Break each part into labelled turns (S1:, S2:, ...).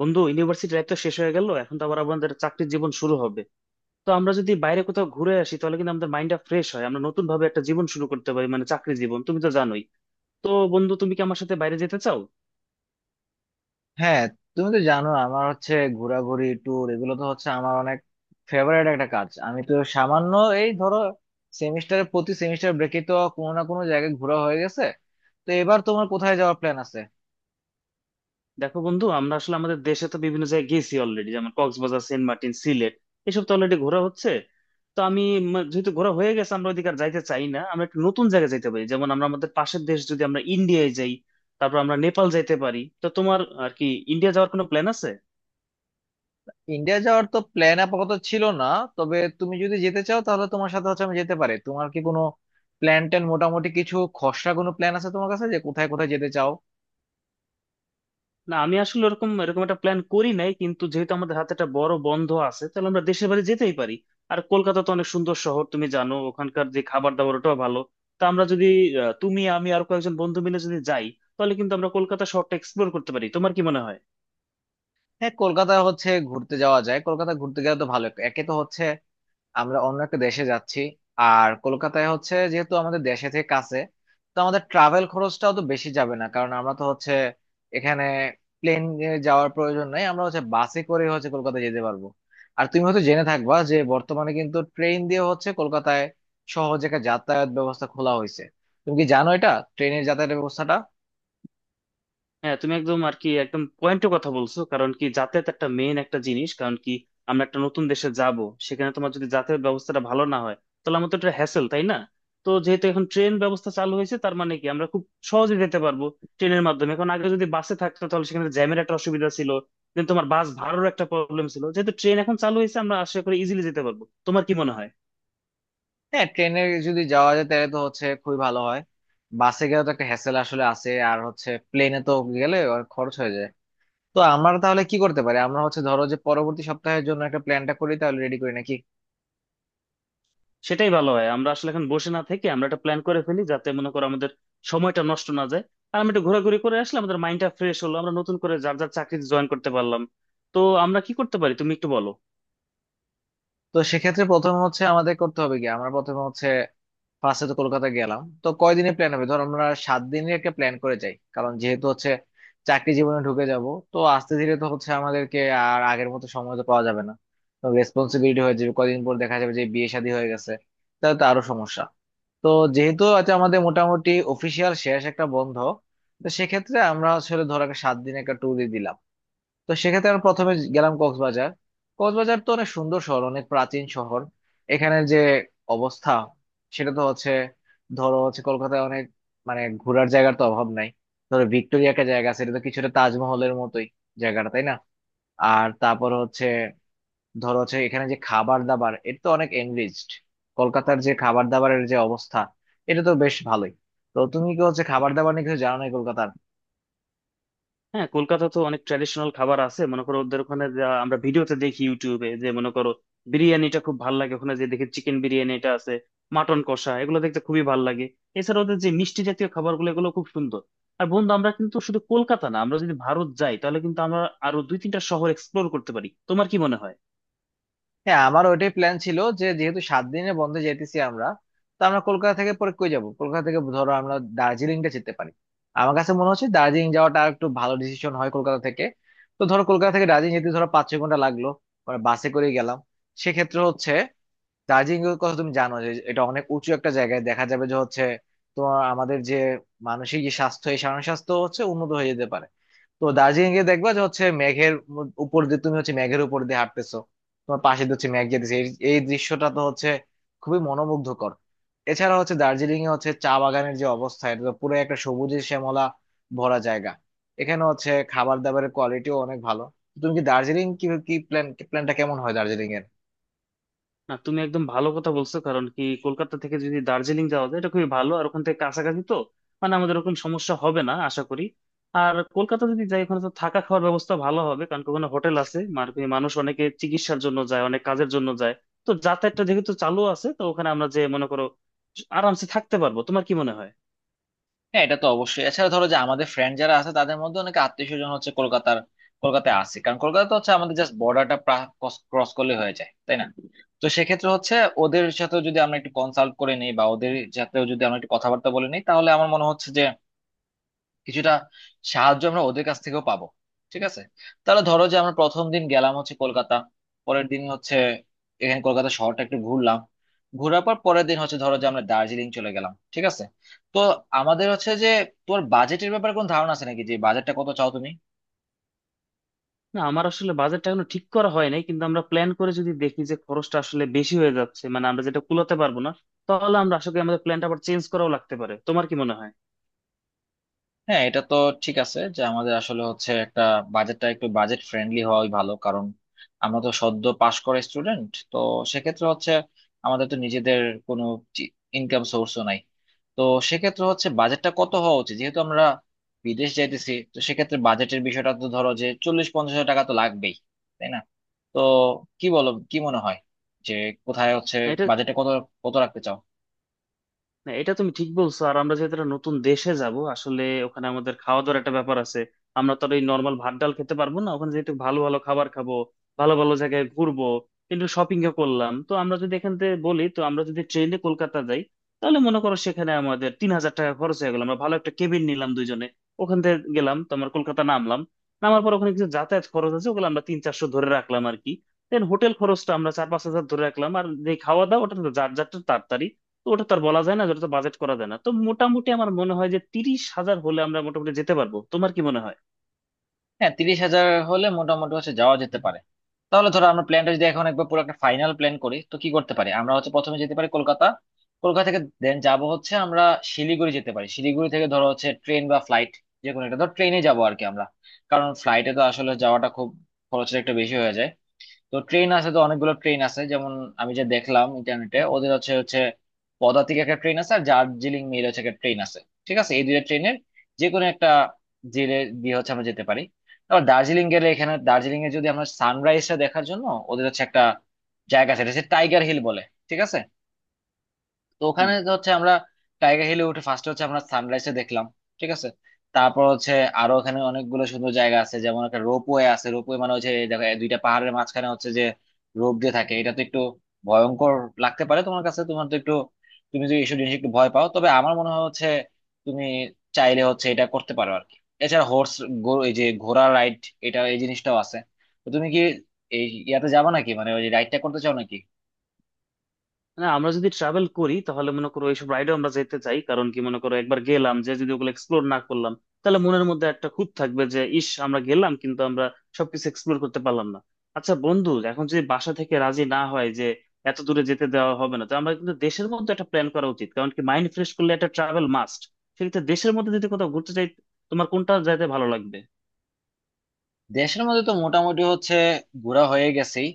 S1: বন্ধু, university life তো শেষ হয়ে গেল। এখন তো আবার আমাদের চাকরির জীবন শুরু হবে। তো আমরা যদি বাইরে কোথাও ঘুরে আসি তাহলে কিন্তু আমাদের মাইন্ডটা ফ্রেশ হয়, আমরা নতুন ভাবে একটা জীবন শুরু করতে পারি, মানে চাকরি জীবন তুমি তো জানোই। তো বন্ধু, তুমি কি আমার সাথে বাইরে যেতে চাও?
S2: হ্যাঁ, তুমি তো জানো আমার হচ্ছে ঘোরাঘুরি, ট্যুর, এগুলো তো হচ্ছে আমার অনেক ফেভারিট একটা কাজ। আমি তো সামান্য এই ধরো সেমিস্টারের প্রতি সেমিস্টার ব্রেকে তো কোনো না কোনো জায়গায় ঘোরা হয়ে গেছে। তো এবার তোমার কোথায় যাওয়ার প্ল্যান আছে?
S1: দেখো বন্ধু, আমরা আসলে আমাদের দেশে তো বিভিন্ন জায়গায় গেছি অলরেডি, যেমন কক্সবাজার, সেন্ট মার্টিন, সিলেট, এসব তো অলরেডি ঘোরা হচ্ছে। তো আমি যেহেতু ঘোরা হয়ে গেছে, আমরা ওদিকে আর যাইতে চাই না। আমরা একটু নতুন জায়গায় যাইতে পারি, যেমন আমরা আমাদের পাশের দেশ, যদি আমরা ইন্ডিয়ায় যাই, তারপর আমরা নেপাল যাইতে পারি। তো তোমার আর কি ইন্ডিয়া যাওয়ার কোনো প্ল্যান আছে?
S2: ইন্ডিয়া যাওয়ার তো প্ল্যান আপাতত ছিল না, তবে তুমি যদি যেতে চাও তাহলে তোমার সাথে হচ্ছে আমি যেতে পারি। তোমার কি কোনো প্ল্যান ট্যান, মোটামুটি কিছু খসড়া কোনো প্ল্যান আছে তোমার কাছে যে কোথায় কোথায় যেতে চাও?
S1: না, আমি আসলে ওরকম এরকম একটা প্ল্যান করি নাই, কিন্তু যেহেতু আমাদের হাতে একটা বড় বন্ধ আছে, তাহলে আমরা দেশের বাড়ি যেতেই পারি। আর কলকাতা তো অনেক সুন্দর শহর, তুমি জানো ওখানকার যে খাবার দাবার, ওটাও ভালো। তা আমরা যদি আহ, তুমি, আমি আর কয়েকজন বন্ধু মিলে যদি যাই, তাহলে কিন্তু আমরা কলকাতা শহরটা এক্সপ্লোর করতে পারি। তোমার কি মনে হয়?
S2: হ্যাঁ, কলকাতা হচ্ছে ঘুরতে যাওয়া যায়, কলকাতা ঘুরতে গেলে তো ভালো। একে তো হচ্ছে আমরা অন্য একটা দেশে যাচ্ছি, আর কলকাতায় হচ্ছে যেহেতু আমাদের দেশে থেকে কাছে, তো আমাদের ট্রাভেল খরচটাও তো বেশি যাবে না, কারণ আমরা তো হচ্ছে এখানে প্লেনে যাওয়ার প্রয়োজন নেই, আমরা হচ্ছে বাসে করে হচ্ছে কলকাতা যেতে পারবো। আর তুমি হয়তো জেনে থাকবা যে বর্তমানে কিন্তু ট্রেন দিয়ে হচ্ছে কলকাতায় সহজ একটা যাতায়াত ব্যবস্থা খোলা হয়েছে। তুমি কি জানো এটা, ট্রেনের যাতায়াত ব্যবস্থাটা?
S1: হ্যাঁ, তুমি একদম আর কি একদম পয়েন্টের কথা বলছো, কারণ কি যাতায়াত একটা মেইন একটা জিনিস। কারণ কি আমরা একটা নতুন দেশে যাব, সেখানে তোমার যদি যাতায়াত ব্যবস্থাটা ভালো না হয়, তাহলে আমাদের তো একটা হ্যাসেল, তাই না? তো যেহেতু এখন ট্রেন ব্যবস্থা চালু হয়েছে, তার মানে কি আমরা খুব সহজে যেতে পারবো ট্রেনের মাধ্যমে। এখন আগে যদি বাসে থাকতো তাহলে সেখানে জ্যামের একটা অসুবিধা ছিল, দেন তোমার বাস ভাড়ারও একটা প্রবলেম ছিল। যেহেতু ট্রেন এখন চালু হয়েছে, আমরা আশা করি ইজিলি যেতে পারবো। তোমার কি মনে হয়?
S2: হ্যাঁ, ট্রেনে যদি যাওয়া যায় তাহলে তো হচ্ছে খুবই ভালো হয়। বাসে গেলে তো একটা হ্যাসেল আসলে আছে, আর হচ্ছে প্লেনে তো গেলে অনেক খরচ হয়ে যায়। তো আমরা তাহলে কি করতে পারি, আমরা হচ্ছে ধরো যে পরবর্তী সপ্তাহের জন্য একটা প্ল্যানটা করি, তাহলে রেডি করি নাকি?
S1: সেটাই ভালো হয়। আমরা আসলে এখন বসে না থেকে আমরা একটা প্ল্যান করে ফেলি, যাতে মনে করো আমাদের সময়টা নষ্ট না যায়। আর আমরা একটু ঘোরাঘুরি করে আসলে আমাদের মাইন্ডটা ফ্রেশ হলো, আমরা নতুন করে যার যার চাকরিতে জয়েন করতে পারলাম। তো আমরা কি করতে পারি, তুমি একটু বলো।
S2: তো সেক্ষেত্রে প্রথমে হচ্ছে আমাদের করতে হবে কি, আমরা প্রথমে হচ্ছে ফার্স্টে তো কলকাতা গেলাম, তো কয়দিনের প্ল্যান হবে? ধর আমরা 7 দিনের একটা প্ল্যান করে যাই, কারণ যেহেতু হচ্ছে চাকরি জীবনে ঢুকে যাব, তো আস্তে ধীরে তো হচ্ছে আমাদেরকে আর আগের মতো সময় তো পাওয়া যাবে না, তো রেসপন্সিবিলিটি হয়ে যাবে, কয়দিন পর দেখা যাবে যে বিয়ে শাদী হয়ে গেছে, তাহলে তো আরো সমস্যা। তো যেহেতু আজ আমাদের মোটামুটি অফিসিয়াল শেষ একটা বন্ধ, তো সেক্ষেত্রে আমরা আসলে ধর একটা 7 দিন একটা ট্যুরই দিলাম। তো সেক্ষেত্রে আমরা প্রথমে গেলাম কক্সবাজার। কক্সবাজার তো অনেক সুন্দর শহর, অনেক প্রাচীন শহর। এখানে যে অবস্থা, সেটা তো হচ্ছে ধরো হচ্ছে কলকাতায় অনেক, মানে ঘোরার জায়গার তো অভাব নাই। ধরো ভিক্টোরিয়া একটা জায়গা আছে, এটা তো কিছুটা তাজমহলের মতোই জায়গাটা, তাই না? আর তারপর হচ্ছে ধরো হচ্ছে এখানে যে খাবার দাবার, এটা তো অনেক এনরিচড। কলকাতার যে খাবার দাবারের যে অবস্থা, এটা তো বেশ ভালোই। তো তুমি কি হচ্ছে খাবার দাবার নিয়ে কিছু জানো না কলকাতার?
S1: হ্যাঁ, কলকাতা তো অনেক ট্র্যাডিশনাল খাবার আছে। মনে করো ওদের ওখানে, যা আমরা ভিডিওতে দেখি ইউটিউবে, যে মনে করো বিরিয়ানিটা খুব ভাল লাগে ওখানে, যে দেখি চিকেন বিরিয়ানি এটা আছে, মাটন কষা, এগুলো দেখতে খুবই ভাল লাগে। এছাড়া ওদের যে মিষ্টি জাতীয় খাবারগুলো, এগুলো খুব সুন্দর। আর বন্ধু, আমরা কিন্তু শুধু কলকাতা না, আমরা যদি ভারত যাই তাহলে কিন্তু আমরা আরো 2-3টা শহর এক্সপ্লোর করতে পারি। তোমার কি মনে হয়?
S2: হ্যাঁ, আমার ওইটাই প্ল্যান ছিল যে যেহেতু 7 দিনের বন্ধে যেতেছি আমরা, তো আমরা কলকাতা থেকে পরে কই যাবো? কলকাতা থেকে ধরো আমরা দার্জিলিংটা যেতে পারি। আমার কাছে মনে হচ্ছে দার্জিলিং যাওয়াটা আর একটু ভালো ডিসিশন হয় কলকাতা থেকে। তো ধরো কলকাতা থেকে দার্জিলিং যেতে ধরো 5-6 ঘন্টা লাগলো, মানে বাসে করে গেলাম। সেক্ষেত্রে হচ্ছে দার্জিলিং এর কথা তুমি জানো যে এটা অনেক উঁচু একটা জায়গায়, দেখা যাবে যে হচ্ছে তোমার আমাদের যে মানসিক যে স্বাস্থ্য, এই মানসিক স্বাস্থ্য হচ্ছে উন্নত হয়ে যেতে পারে। তো দার্জিলিং এ দেখবা যে হচ্ছে মেঘের উপর দিয়ে তুমি হচ্ছে মেঘের উপর দিয়ে হাঁটতেছো, তোমার পাশে দিয়ে হচ্ছে মেঘ যেতেছে, এই এই দৃশ্যটা তো হচ্ছে খুবই মনোমুগ্ধকর। এছাড়া হচ্ছে দার্জিলিং এ হচ্ছে চা বাগানের যে অবস্থা, এটা তো পুরো একটা সবুজে শ্যামলা ভরা জায়গা। এখানে হচ্ছে খাবার দাবারের কোয়ালিটিও অনেক ভালো। তুমি কি দার্জিলিং কি কি প্ল্যান, প্ল্যানটা কেমন হয় দার্জিলিং এর?
S1: না, তুমি একদম ভালো কথা বলছো, কারণ কি কলকাতা থেকে যদি দার্জিলিং যাওয়া যায়, এটা খুবই ভালো। আর ওখান থেকে কাছাকাছি তো, মানে আমাদের ওরকম সমস্যা হবে না আশা করি। আর কলকাতা যদি যাই, ওখানে তো থাকা খাওয়ার ব্যবস্থা ভালো হবে, কারণ কি ওখানে হোটেল আছে, মানে কি মানুষ অনেকে চিকিৎসার জন্য যায়, অনেক কাজের জন্য যায়। তো যাতায়াতটা যেহেতু চালু আছে, তো ওখানে আমরা, যে মনে করো, আরামসে থাকতে পারবো। তোমার কি মনে হয়?
S2: হ্যাঁ, এটা তো অবশ্যই। এছাড়া ধরো যে আমাদের ফ্রেন্ড যারা আছে তাদের মধ্যে অনেকে আত্মীয় স্বজন হচ্ছে কলকাতার, কলকাতায় আছে, কারণ কলকাতা তো হচ্ছে আমাদের জাস্ট বর্ডারটা ক্রস করলে হয়ে যায়, তাই না? তো সেক্ষেত্রে হচ্ছে ওদের সাথে যদি আমরা একটু কনসাল্ট করে নিই বা ওদের সাথেও যদি আমরা একটু কথাবার্তা বলে নিই তাহলে আমার মনে হচ্ছে যে কিছুটা সাহায্য আমরা ওদের কাছ থেকেও পাবো। ঠিক আছে, তাহলে ধরো যে আমরা প্রথম দিন গেলাম হচ্ছে কলকাতা, পরের দিন হচ্ছে এখানে কলকাতা শহরটা একটু ঘুরলাম, ঘোরার পর পরের দিন হচ্ছে ধরো যে আমরা দার্জিলিং চলে গেলাম, ঠিক আছে? তো আমাদের হচ্ছে যে তোর বাজেটের ব্যাপারে কোনো ধারণা আছে নাকি, যে বাজেটটা কত চাও তুমি?
S1: না, আমার আসলে বাজেটটা এখনো ঠিক করা হয় নাই, কিন্তু আমরা প্ল্যান করে যদি দেখি যে খরচটা আসলে বেশি হয়ে যাচ্ছে, মানে আমরা যেটা কুলাতে পারবো না, তাহলে আমরা আশা করি আমাদের প্ল্যানটা আবার চেঞ্জ করাও লাগতে পারে। তোমার কি মনে হয়?
S2: হ্যাঁ, এটা তো ঠিক আছে যে আমাদের আসলে হচ্ছে একটা বাজেটটা একটু বাজেট ফ্রেন্ডলি হওয়াই ভালো, কারণ আমরা তো সদ্য পাশ করা স্টুডেন্ট, তো সেক্ষেত্রে হচ্ছে আমাদের তো নিজেদের কোনো ইনকাম সোর্সও নাই। তো সেক্ষেত্রে হচ্ছে বাজেটটা কত হওয়া উচিত, যেহেতু আমরা বিদেশ যাইতেছি, তো সেক্ষেত্রে বাজেটের বিষয়টা তো ধরো যে 40-50 হাজার টাকা তো লাগবেই, তাই না? তো কি বলো, কি মনে হয়, যে কোথায় হচ্ছে
S1: না এটা
S2: বাজেটটা কত কত রাখতে চাও?
S1: না এটা তুমি ঠিক বলছো। আর আমরা যেহেতু একটা নতুন দেশে যাব, আসলে ওখানে আমাদের খাওয়া দাওয়ার একটা ব্যাপার আছে। আমরা তো আর এই নর্মাল ভাত ডাল খেতে পারবো না, ওখানে যেহেতু ভালো ভালো খাবার খাবো, ভালো ভালো জায়গায় ঘুরবো, কিন্তু শপিং ও করলাম। তো আমরা যদি এখান থেকে বলি, তো আমরা যদি ট্রেনে কলকাতা যাই, তাহলে মনে করো সেখানে আমাদের 3,000 টাকা খরচ হয়ে গেল, আমরা ভালো একটা কেবিন নিলাম দুইজনে। ওখান থেকে গেলাম, তো আমরা কলকাতা নামলাম। নামার পর ওখানে কিছু যাতায়াত খরচ আছে, ওগুলো আমরা 300-400 ধরে রাখলাম আর কি। দেন হোটেল খরচটা আমরা 4-5 হাজার ধরে রাখলাম। আর যে খাওয়া দাওয়া, ওটা তো যার যারটা তার। তো ওটা তো আর বলা যায় না, ওটা তো বাজেট করা যায় না। তো মোটামুটি আমার মনে হয় যে 30,000 হলে আমরা মোটামুটি যেতে পারবো। তোমার কি মনে হয়?
S2: হ্যাঁ, 30 হাজার হলে মোটামুটি হচ্ছে যাওয়া যেতে পারে। তাহলে ধরো আমরা প্ল্যানটা যদি এখন একবার পুরো একটা ফাইনাল প্ল্যান করি, তো কি করতে পারি, আমরা হচ্ছে প্রথমে যেতে পারি কলকাতা, কলকাতা থেকে দেন যাব হচ্ছে আমরা শিলিগুড়ি, যেতে পারি শিলিগুড়ি থেকে ধরো হচ্ছে ট্রেন বা ফ্লাইট যে কোনো একটা, ধর ট্রেনে যাবো আর কি আমরা, কারণ ফ্লাইটে তো আসলে যাওয়াটা খুব, খরচটা একটু বেশি হয়ে যায়। তো ট্রেন আছে, তো অনেকগুলো ট্রেন আছে, যেমন আমি যে দেখলাম ইন্টারনেটে ওদের হচ্ছে হচ্ছে পদাতিক একটা ট্রেন আছে আর দার্জিলিং মেল হচ্ছে একটা ট্রেন আছে। ঠিক আছে, এই দুইটা ট্রেনের যে কোনো একটা জেলে দিয়ে হচ্ছে আমরা যেতে পারি। আবার দার্জিলিং গেলে, এখানে দার্জিলিং এ যদি আমরা সানরাইজটা দেখার জন্য ওদের হচ্ছে একটা জায়গা আছে, এটা হচ্ছে টাইগার হিল বলে, ঠিক আছে? তো ওখানে
S1: হুম।
S2: তো হচ্ছে আমরা টাইগার হিলে উঠে ফার্স্টে হচ্ছে আমরা সানরাইজটা দেখলাম, ঠিক আছে? তারপর হচ্ছে আরো ওখানে অনেকগুলো সুন্দর জায়গা আছে, যেমন একটা রোপওয়ে আছে, রোপওয়ে মানে হচ্ছে এই দেখো এই দুইটা পাহাড়ের মাঝখানে হচ্ছে যে রোপ দিয়ে থাকে, এটা তো একটু ভয়ঙ্কর লাগতে পারে তোমার কাছে, তোমার তো একটু, তুমি যদি এইসব জিনিস একটু ভয় পাও, তবে আমার মনে হয় হচ্ছে তুমি চাইলে হচ্ছে এটা করতে পারো আর কি। এছাড়া হোর্স, এই যে ঘোড়া রাইড, এটা এই জিনিসটাও আছে। তো তুমি কি এই ইয়াতে যাবো নাকি, মানে ওই রাইডটা করতে চাও নাকি?
S1: না, আমরা যদি ট্রাভেল করি তাহলে মনে করো এইসব রাইডে আমরা যেতে চাই, কারণ কি মনে করো একবার গেলাম, যে যদি ওগুলো এক্সপ্লোর না করলাম, তাহলে মনের মধ্যে একটা খুঁত থাকবে যে ইস, আমরা গেলাম কিন্তু আমরা সবকিছু এক্সপ্লোর করতে পারলাম না। আচ্ছা বন্ধু, এখন যদি বাসা থেকে রাজি না হয় যে এত দূরে যেতে দেওয়া হবে না, তো আমরা কিন্তু দেশের মধ্যে একটা প্ল্যান করা উচিত, কারণ কি মাইন্ড ফ্রেশ করলে একটা ট্রাভেল মাস্ট। সেক্ষেত্রে দেশের মধ্যে যদি কোথাও ঘুরতে চাই, তোমার কোনটা যাইতে ভালো লাগবে?
S2: দেশের মধ্যে তো মোটামুটি হচ্ছে ঘোরা হয়ে গেছেই,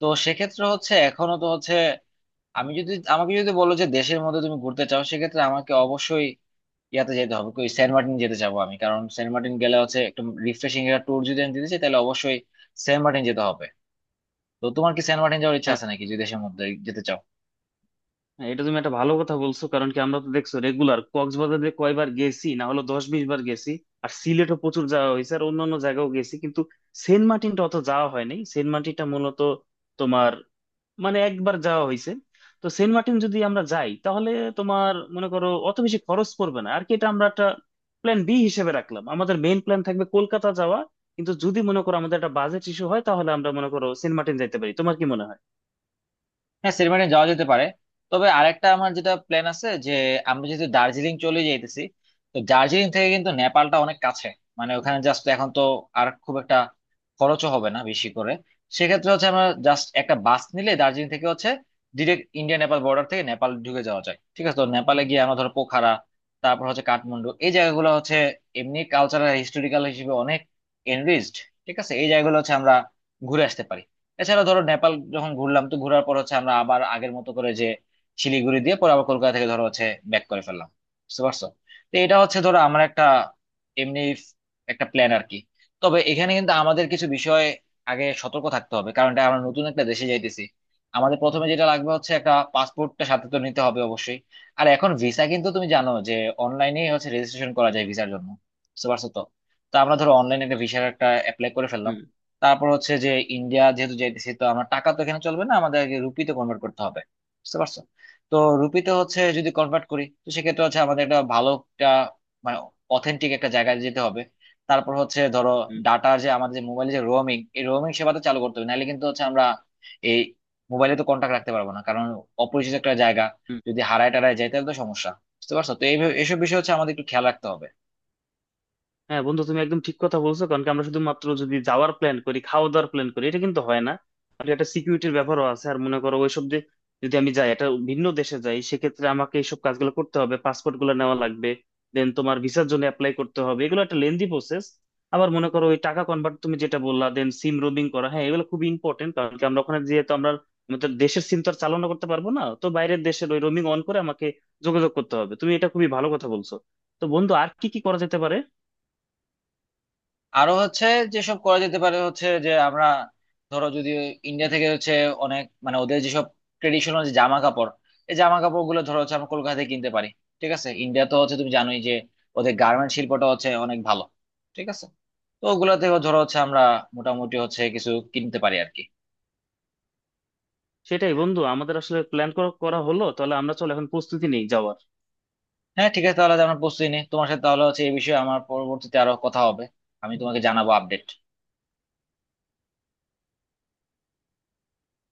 S2: তো সেক্ষেত্রে হচ্ছে এখনো তো হচ্ছে আমি যদি, আমাকে যদি বলো যে দেশের মধ্যে তুমি ঘুরতে চাও সেক্ষেত্রে আমাকে অবশ্যই ইয়াতে যেতে হবে, ওই সেন্ট মার্টিন যেতে চাবো আমি, কারণ সেন্ট মার্টিন গেলে হচ্ছে একটু রিফ্রেশিং একটা ট্যুর যদি আমি দিতে চাই তাহলে অবশ্যই সেন্ট মার্টিন যেতে হবে। তো তোমার কি সেন্ট মার্টিন যাওয়ার ইচ্ছা আছে নাকি, যদি দেশের মধ্যে যেতে চাও?
S1: হ্যাঁ, এটা তুমি একটা ভালো কথা বলছো, কারণ কি আমরা তো দেখছো রেগুলার কক্সবাজারে কয়বার গেছি, না হলো 10-20 বার গেছি। আর সিলেটও প্রচুর যাওয়া হয়েছে, আর অন্যান্য জায়গাও গেছি, কিন্তু সেন্ট মার্টিনটা অত যাওয়া হয়নি। সেন্ট মার্টিনটা মূলত তোমার, মানে একবার যাওয়া হয়েছে। তো সেন্ট মার্টিন যদি আমরা যাই, তাহলে তোমার মনে করো অত বেশি খরচ পড়বে না আর কি। এটা আমরা একটা প্ল্যান বি হিসেবে রাখলাম, আমাদের মেইন প্ল্যান থাকবে কলকাতা যাওয়া। কিন্তু যদি মনে করো আমাদের একটা বাজেট ইস্যু হয়, তাহলে আমরা মনে করো সেন্ট মার্টিন যাইতে পারি। তোমার কি মনে হয়?
S2: হ্যাঁ, সেলিব্রেশন যাওয়া যেতে পারে। তবে আরেকটা আমার যেটা প্ল্যান আছে যে আমরা যেহেতু দার্জিলিং চলে যাইতেছি, তো দার্জিলিং থেকে কিন্তু নেপালটা অনেক কাছে, মানে ওখানে জাস্ট এখন তো আর খুব একটা খরচও হবে না বেশি করে। সেক্ষেত্রে হচ্ছে আমরা জাস্ট একটা বাস নিলে দার্জিলিং থেকে হচ্ছে ডিরেক্ট ইন্ডিয়া নেপাল বর্ডার থেকে নেপাল ঢুকে যাওয়া যায়, ঠিক আছে? তো নেপালে গিয়ে আমরা ধরো পোখারা, তারপর হচ্ছে কাঠমান্ডু, এই জায়গাগুলো হচ্ছে এমনি কালচারাল, হিস্টোরিক্যাল হিসেবে অনেক এনরিচড, ঠিক আছে? এই জায়গাগুলো হচ্ছে আমরা ঘুরে আসতে পারি। এছাড়া ধরো নেপাল যখন ঘুরলাম, তো ঘোরার পর হচ্ছে আমরা আবার আগের মতো করে যে শিলিগুড়ি দিয়ে পরে আবার কলকাতা থেকে ধরো হচ্ছে ব্যাক করে ফেললাম, বুঝতে পারছো? তো এটা হচ্ছে ধরো আমার একটা এমনি একটা প্ল্যান আর কি। তবে এখানে কিন্তু আমাদের কিছু বিষয় আগে সতর্ক থাকতে হবে, কারণ এটা আমরা নতুন একটা দেশে যাইতেছি। আমাদের প্রথমে যেটা লাগবে হচ্ছে একটা পাসপোর্টটা সাথে তো নিতে হবে অবশ্যই। আর এখন ভিসা কিন্তু তুমি জানো যে অনলাইনে হচ্ছে রেজিস্ট্রেশন করা যায় ভিসার জন্য, বুঝতে পারছো তো? তো আমরা ধরো অনলাইনে একটা ভিসার একটা অ্যাপ্লাই করে ফেললাম।
S1: হুম,
S2: তারপর হচ্ছে যে ইন্ডিয়া যেহেতু যাইতেছি, তো আমার টাকা তো এখানে চলবে না, আমাদের আগে রুপিতে কনভার্ট করতে হবে, বুঝতে পারছো? তো রুপিতে হচ্ছে যদি কনভার্ট করি, তো সেক্ষেত্রে হচ্ছে আমাদের একটা ভালো একটা, মানে অথেন্টিক একটা জায়গায় যেতে হবে। তারপর হচ্ছে ধরো
S1: হুম,
S2: ডাটা যে আমাদের যে মোবাইলে যে রোমিং, এই রোমিং সেবাটা চালু করতে হবে, নাহলে কিন্তু হচ্ছে আমরা এই মোবাইলে তো কন্টাক্ট রাখতে পারবো না, কারণ অপরিচিত একটা জায়গা,
S1: হুম।
S2: যদি হারায় টারায় যায় তাহলে তো সমস্যা, বুঝতে পারছো তো? এই এসব বিষয় হচ্ছে আমাদের একটু খেয়াল রাখতে হবে।
S1: হ্যাঁ বন্ধু, তুমি একদম ঠিক কথা বলছো, কারণ কি আমরা শুধুমাত্র যদি যাওয়ার প্ল্যান করি, খাওয়া দাওয়ার প্ল্যান করি, এটা কিন্তু হয় না। আর একটা সিকিউরিটির ব্যাপারও আছে। আর মনে করো ওইসব যে, যদি আমি যাই একটা ভিন্ন দেশে যাই, সেক্ষেত্রে আমাকে এইসব কাজগুলো করতে হবে, পাসপোর্ট গুলো নেওয়া লাগবে, দেন তোমার ভিসার জন্য অ্যাপ্লাই করতে হবে, এগুলো একটা লেন্দি প্রসেস। আবার মনে করো ওই টাকা কনভার্ট, তুমি যেটা বললা, দেন সিম রোমিং করা, হ্যাঁ এগুলো খুব ইম্পর্টেন্ট। কারণ কি আমরা ওখানে, যেহেতু আমরা আমাদের দেশের সিম তো আর চালনা করতে পারবো না, তো বাইরের দেশের ওই রোমিং অন করে আমাকে যোগাযোগ করতে হবে। তুমি এটা খুবই ভালো কথা বলছো। তো বন্ধু, আর কি কি করা যেতে পারে?
S2: আরো হচ্ছে যেসব করা যেতে পারে হচ্ছে যে আমরা ধরো যদি ইন্ডিয়া থেকে হচ্ছে অনেক, মানে ওদের যেসব ট্রেডিশনাল যে জামা কাপড়, এই জামা কাপড় গুলো ধরো হচ্ছে আমরা কলকাতা থেকে কিনতে পারি। ঠিক আছে, ইন্ডিয়া তো হচ্ছে তুমি জানোই যে ওদের গার্মেন্ট শিল্পটা হচ্ছে অনেক ভালো, ঠিক আছে? তো ওগুলা থেকে ধরো হচ্ছে আমরা মোটামুটি হচ্ছে কিছু কিনতে পারি আর কি।
S1: সেটাই বন্ধু, আমাদের আসলে প্ল্যান করা করা হলো। তাহলে আমরা, চলো এখন প্রস্তুতি নেই যাওয়ার।
S2: হ্যাঁ, ঠিক আছে, তাহলে আজ আমরা প্রস্তুতি নিই তোমার সাথে, তাহলে হচ্ছে এই বিষয়ে আমার পরবর্তীতে আরো কথা হবে, আমি তোমাকে জানাবো আপডেট।